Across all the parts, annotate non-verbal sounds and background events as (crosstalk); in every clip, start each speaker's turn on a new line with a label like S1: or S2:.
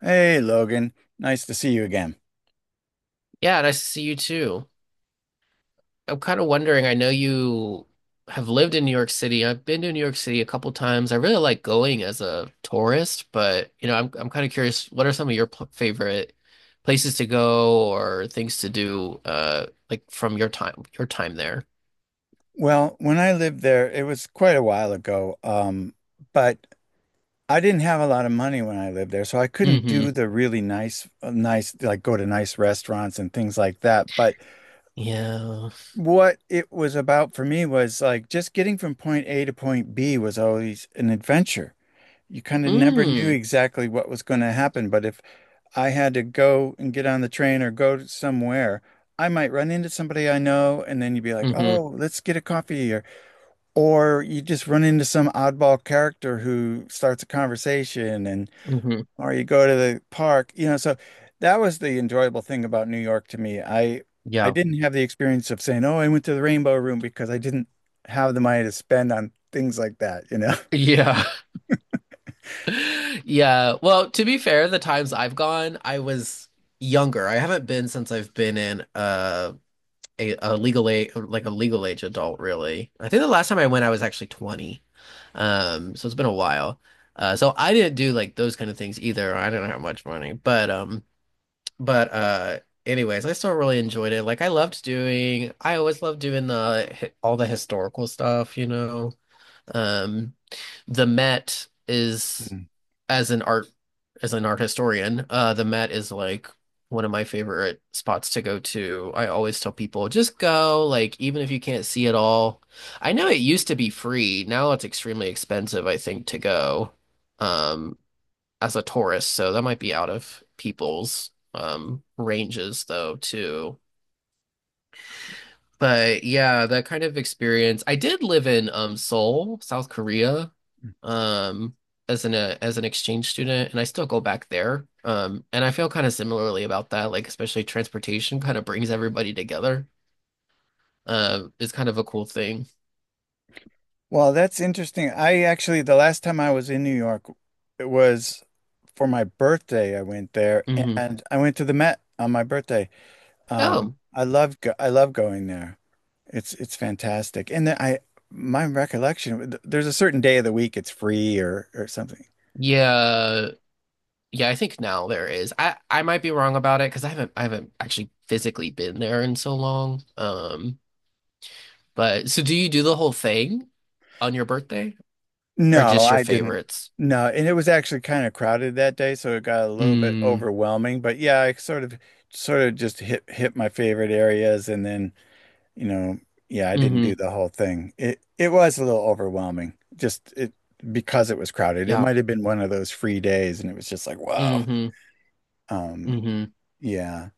S1: Hey, Logan. Nice to see you again.
S2: Yeah, nice to see you too. I'm kind of wondering, I know you have lived in New York City. I've been to New York City a couple times. I really like going as a tourist, but I'm kind of curious, what are some of your pl favorite places to go or things to do like from your time there?
S1: Well, when I lived there, it was quite a while ago, but I didn't have a lot of money when I lived there, so I couldn't
S2: Hmm.
S1: do the really nice, like go to nice restaurants and things like that. But
S2: Yeah.
S1: what it was about for me was like just getting from point A to point B was always an adventure. You kind of never knew
S2: Mm.
S1: exactly what was going to happen, but if I had to go and get on the train or go to somewhere, I might run into somebody I know, and then you'd be like,
S2: Mm-hmm.
S1: "Oh, let's get a coffee," or you just run into some oddball character who starts a conversation, and
S2: Mm-hmm.
S1: or you go to the park. So that was the enjoyable thing about New York to me. I
S2: Yeah.
S1: didn't have the experience of saying, "Oh, I went to the Rainbow Room," because I didn't have the money to spend on things like that.
S2: Yeah. (laughs) Yeah. Well, to be fair, the times I've gone, I was younger. I haven't been since I've been in a legal age, like a legal age adult, really. I think the last time I went, I was actually 20. So it's been a while. So I didn't do like those kind of things either. I didn't have much money, but but uh, anyways, I still really enjoyed it. I always loved doing the all the historical stuff, you know. Um, the Met is
S1: (laughs)
S2: as an art as an art historian, the Met is like one of my favorite spots to go to. I always tell people just go, like even if you can't see it all. I know it used to be free. Now it's extremely expensive, I think, to go um as a tourist, so that might be out of people's ranges though too. But yeah, that kind of experience. I did live in Seoul, South Korea, um as an exchange student, and I still go back there. And I feel kind of similarly about that. Like especially transportation kind of brings everybody together. Is kind of a cool thing.
S1: Well, that's interesting. I actually, the last time I was in New York, it was for my birthday. I went there
S2: Hmm.
S1: and I went to the Met on my birthday.
S2: Oh
S1: I love going there. It's fantastic. And then I My recollection, there's a certain day of the week it's free or something.
S2: yeah, yeah. I think now there is. I might be wrong about it because I haven't actually physically been there in so long. But so do you do the whole thing on your birthday or
S1: No,
S2: just your
S1: I didn't.
S2: favorites?
S1: No, and it was actually kind of crowded that day, so it got a little bit
S2: Mm.
S1: overwhelming. But yeah, I sort of just hit my favorite areas and then, you know, yeah, I didn't
S2: Hmm.
S1: do the whole thing. It was a little overwhelming. Just it because it was crowded. It
S2: Yeah.
S1: might have been one of those free days and it was just like, wow.
S2: Hmm.
S1: Um,
S2: Hmm.
S1: yeah.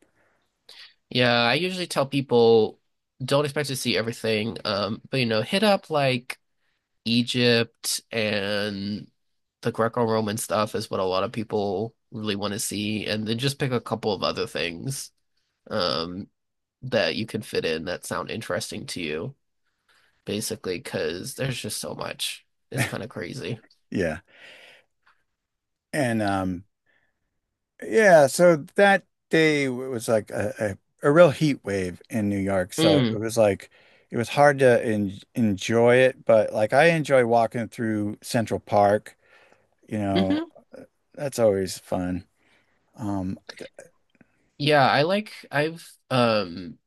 S2: Yeah, I usually tell people don't expect to see everything. But you know, hit up like Egypt, and the Greco-Roman stuff is what a lot of people really want to see, and then just pick a couple of other things um that you can fit in that sound interesting to you, basically, because there's just so much. It's kind of crazy.
S1: Yeah. And Yeah, so that day was like a real heat wave in New York. So it
S2: Mm.
S1: was like it was hard to en enjoy it, but like I enjoy walking through Central Park, you know,
S2: Hmm.
S1: uh, that's always fun. Um,
S2: Yeah, I like I've um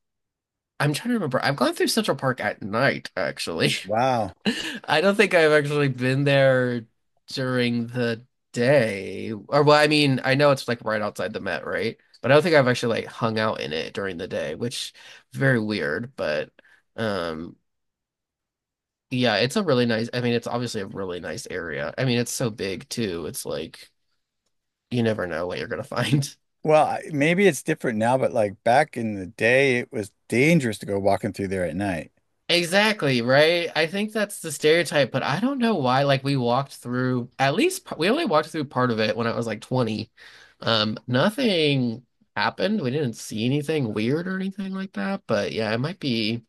S2: I'm trying to remember. I've gone through Central Park at night, actually.
S1: wow.
S2: (laughs) I don't think I've actually been there during the day. Or, well, I mean, I know it's like right outside the Met, right? But I don't think I've actually like hung out in it during the day, which very weird, but um yeah, it's a really nice, I mean, it's obviously a really nice area. I mean, it's so big too. It's like you never know what you're gonna (laughs) find.
S1: Well, maybe it's different now, but like back in the day, it was dangerous to go walking through there at night.
S2: Exactly, right? I think that's the stereotype, but I don't know why. Like, we walked through at least we only walked through part of it when I was like 20. Nothing happened. We didn't see anything weird or anything like that. But yeah, it might be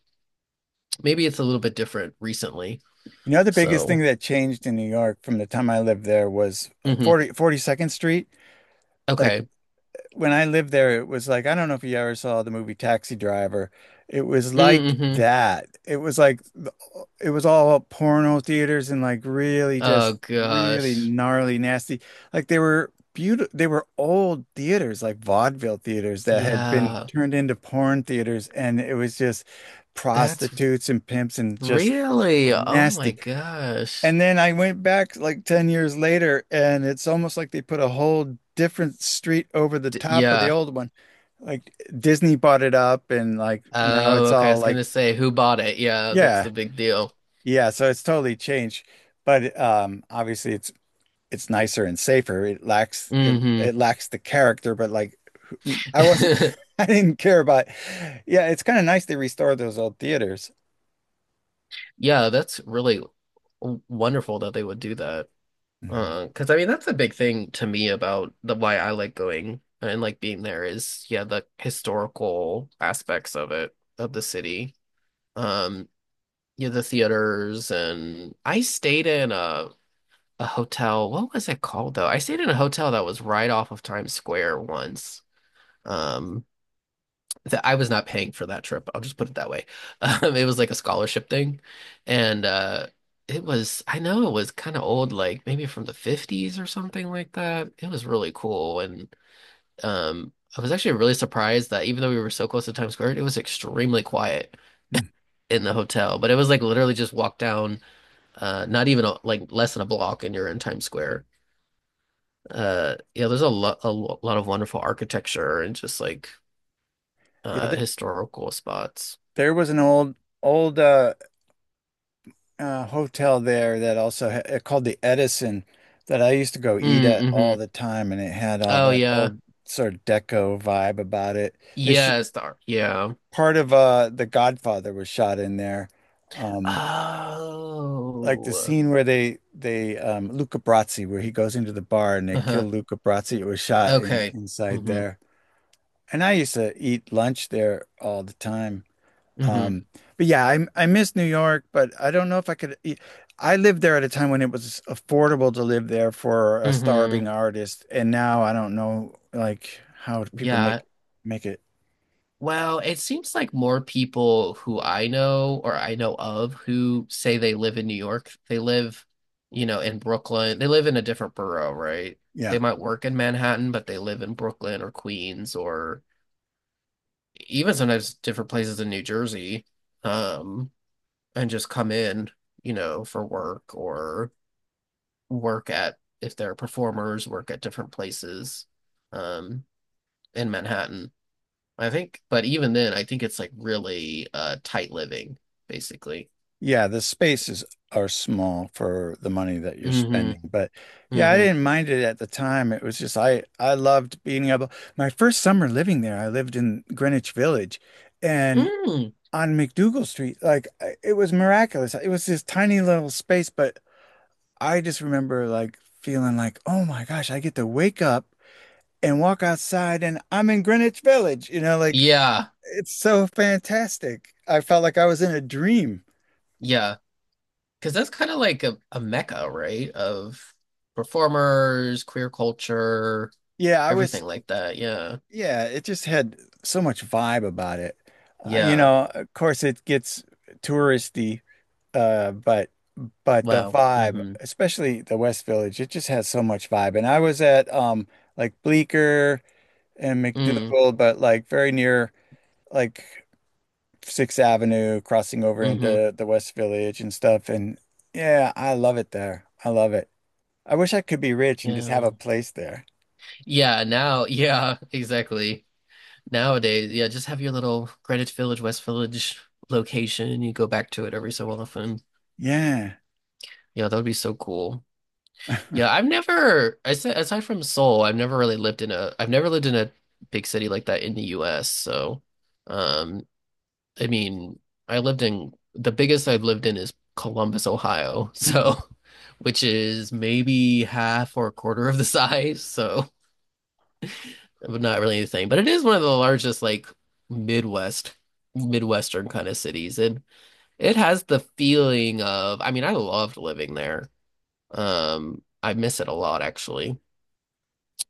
S2: maybe it's a little bit different recently.
S1: You know, the biggest thing
S2: So,
S1: that changed in New York from the time I lived there was
S2: hmm.
S1: 42nd Street. Like
S2: Okay.
S1: when I lived there, it was like, I don't know if you ever saw the movie Taxi Driver. It was like
S2: Mm-hmm.
S1: that. It was like, it was all porno theaters and like really
S2: Oh
S1: just really
S2: gosh.
S1: gnarly, nasty. Like they were beautiful, they were old theaters, like vaudeville theaters that had been
S2: Yeah,
S1: turned into porn theaters. And it was just
S2: that's
S1: prostitutes and pimps and just
S2: really, oh my
S1: nasty.
S2: gosh.
S1: And then I went back like 10 years later, and it's almost like they put a whole different street over the
S2: D
S1: top of the
S2: Yeah.
S1: old one. Like Disney bought it up, and like now
S2: Oh,
S1: it's
S2: okay. I
S1: all
S2: was gonna
S1: like,
S2: say who bought it. Yeah, that's
S1: yeah,
S2: the big deal.
S1: yeah. So it's totally changed. But obviously, it's nicer and safer.
S2: Hmm.
S1: It lacks the character, but like I wasn't,
S2: (laughs)
S1: (laughs) I didn't care about. Yeah, it's kind of nice they restored those old theaters.
S2: Yeah, that's really wonderful that they would do that.
S1: Mhm.
S2: 'Cause I mean that's a big thing to me about the why I like going and like being there is yeah, the historical aspects of it, of the city. Um, yeah, the theaters, and I stayed in a hotel. What was it called though? I stayed in a hotel that was right off of Times Square once. Um, that I was not paying for that trip. I'll just put it that way. (laughs) It was like a scholarship thing, and it was, I know it was kind of old, like maybe from the 50s or something like that. It was really cool, and I was actually really surprised that even though we were so close to Times Square, it was extremely quiet
S1: Mm.
S2: in the hotel. But it was like literally just walk down, not even like less than a block, and you're in Times Square. Yeah, there's a lot a lo- lot of wonderful architecture and just like
S1: Yeah, th
S2: historical spots.
S1: there was an old hotel there that also ha called the Edison that I used to go eat at
S2: Mm-hmm.
S1: all the time, and it had all
S2: Oh
S1: that
S2: yeah.
S1: old sort of deco vibe about it. They sh
S2: Yes, yeah.
S1: Part of The Godfather was shot in there, um, like the
S2: Oh.
S1: scene where they Luca Brasi, where he goes into the bar and they kill
S2: Uh-huh.
S1: Luca Brasi. It was shot in
S2: Okay.
S1: inside
S2: Hmm.
S1: there, and I used to eat lunch there all the time.
S2: Hmm.
S1: Um, but yeah, I miss New York, but I don't know if I could. I lived there at a time when it was affordable to live there for a
S2: Hmm.
S1: starving artist, and now I don't know like how people make
S2: Yeah.
S1: make it.
S2: Well, it seems like more people who I know or I know of who say they live in New York, they live, you know, in Brooklyn. They live in a different borough, right?
S1: Yeah,
S2: They might work in Manhattan, but they live in Brooklyn or Queens or even sometimes different places in New Jersey, um, and just come in, you know, for work or work at if they're performers, work at different places um, in Manhattan. I think, but even then, I think it's like really tight living, basically.
S1: yeah, the spaces are small for the money that you're
S2: Hmm.
S1: spending, but yeah, I
S2: Hmm.
S1: didn't mind it at the time. It was just I loved being able. My first summer living there, I lived in Greenwich Village, and
S2: Mm.
S1: on McDougal Street, like it was miraculous. It was this tiny little space, but I just remember like feeling like, oh my gosh, I get to wake up and walk outside and I'm in Greenwich Village. You know, like
S2: Yeah.
S1: it's so fantastic. I felt like I was in a dream.
S2: Yeah. Because that's kind of like a mecca, right? Of performers, queer culture,
S1: Yeah, I was,
S2: everything like that. Yeah.
S1: yeah, it just had so much vibe about it. You
S2: Yeah.
S1: know, of course it gets touristy, but the
S2: Wow.
S1: vibe,
S2: Hmm.
S1: especially the West Village, it just has so much vibe. And I was at like Bleecker and
S2: Mm.
S1: McDougal, but like very near like Sixth Avenue, crossing over
S2: Hmm.
S1: into the West Village and stuff. And yeah, I love it there. I love it. I wish I could be rich and just have a
S2: Yeah.
S1: place there.
S2: Yeah. Now. (laughs) Yeah. Exactly. Nowadays, yeah, just have your little Greenwich Village, West Village location, and you go back to it every so often.
S1: Yeah.
S2: Yeah, that would be so cool. Yeah, I've never, I said, aside from Seoul, I've never really lived in I've never lived in a big city like that in the U.S. So, um, I mean, I've lived in is Columbus, Ohio.
S1: Hmm.
S2: So, (laughs) which is maybe half or a quarter of the (laughs) size. So, not really anything, but it is one of the largest like Midwest, Midwestern kind of cities, and it has the feeling of, I mean, I loved living there. I miss it a lot actually.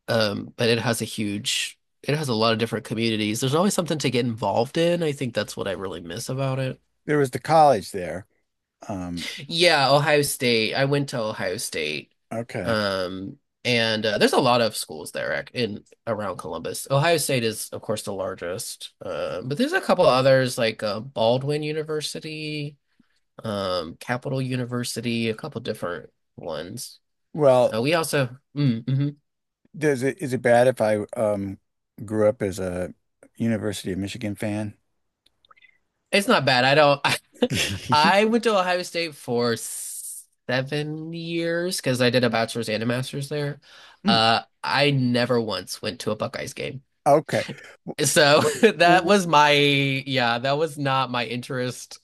S2: But it has a huge, it has a lot of different communities. There's always something to get involved in. I think that's what I really miss about it.
S1: There was the college there. Um,
S2: Yeah, Ohio State. I went to Ohio State.
S1: okay.
S2: Um, and there's a lot of schools there in around Columbus. Ohio State is, of course, the largest. But there's a couple others like Baldwin University, Capital University, a couple different ones.
S1: Well,
S2: We also, mm, hmm.
S1: does it is it bad if I grew up as a University of Michigan fan?
S2: It's not bad. I don't. (laughs) I
S1: (laughs)
S2: went to Ohio State for 7 years because I did a bachelor's and a master's there.
S1: Mm,
S2: I never once went to a Buckeyes game.
S1: Okay.
S2: So (laughs) that
S1: Well,
S2: was my, yeah, that was not my interest.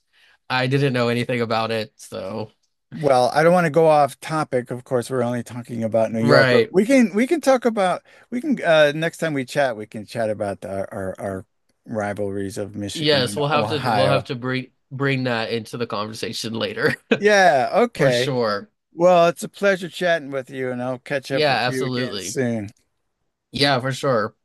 S2: I didn't know anything about it, so
S1: Well, I don't want to go off topic. Of course, we're only talking about New York,
S2: right.
S1: but we can talk about we can next time we chat, we can chat about our rivalries of Michigan
S2: Yes,
S1: and
S2: we'll have
S1: Ohio.
S2: to bring that into the conversation later (laughs)
S1: Yeah,
S2: for
S1: okay.
S2: sure.
S1: Well, it's a pleasure chatting with you, and I'll catch up
S2: Yeah,
S1: with you again
S2: absolutely.
S1: soon.
S2: Yeah, for sure.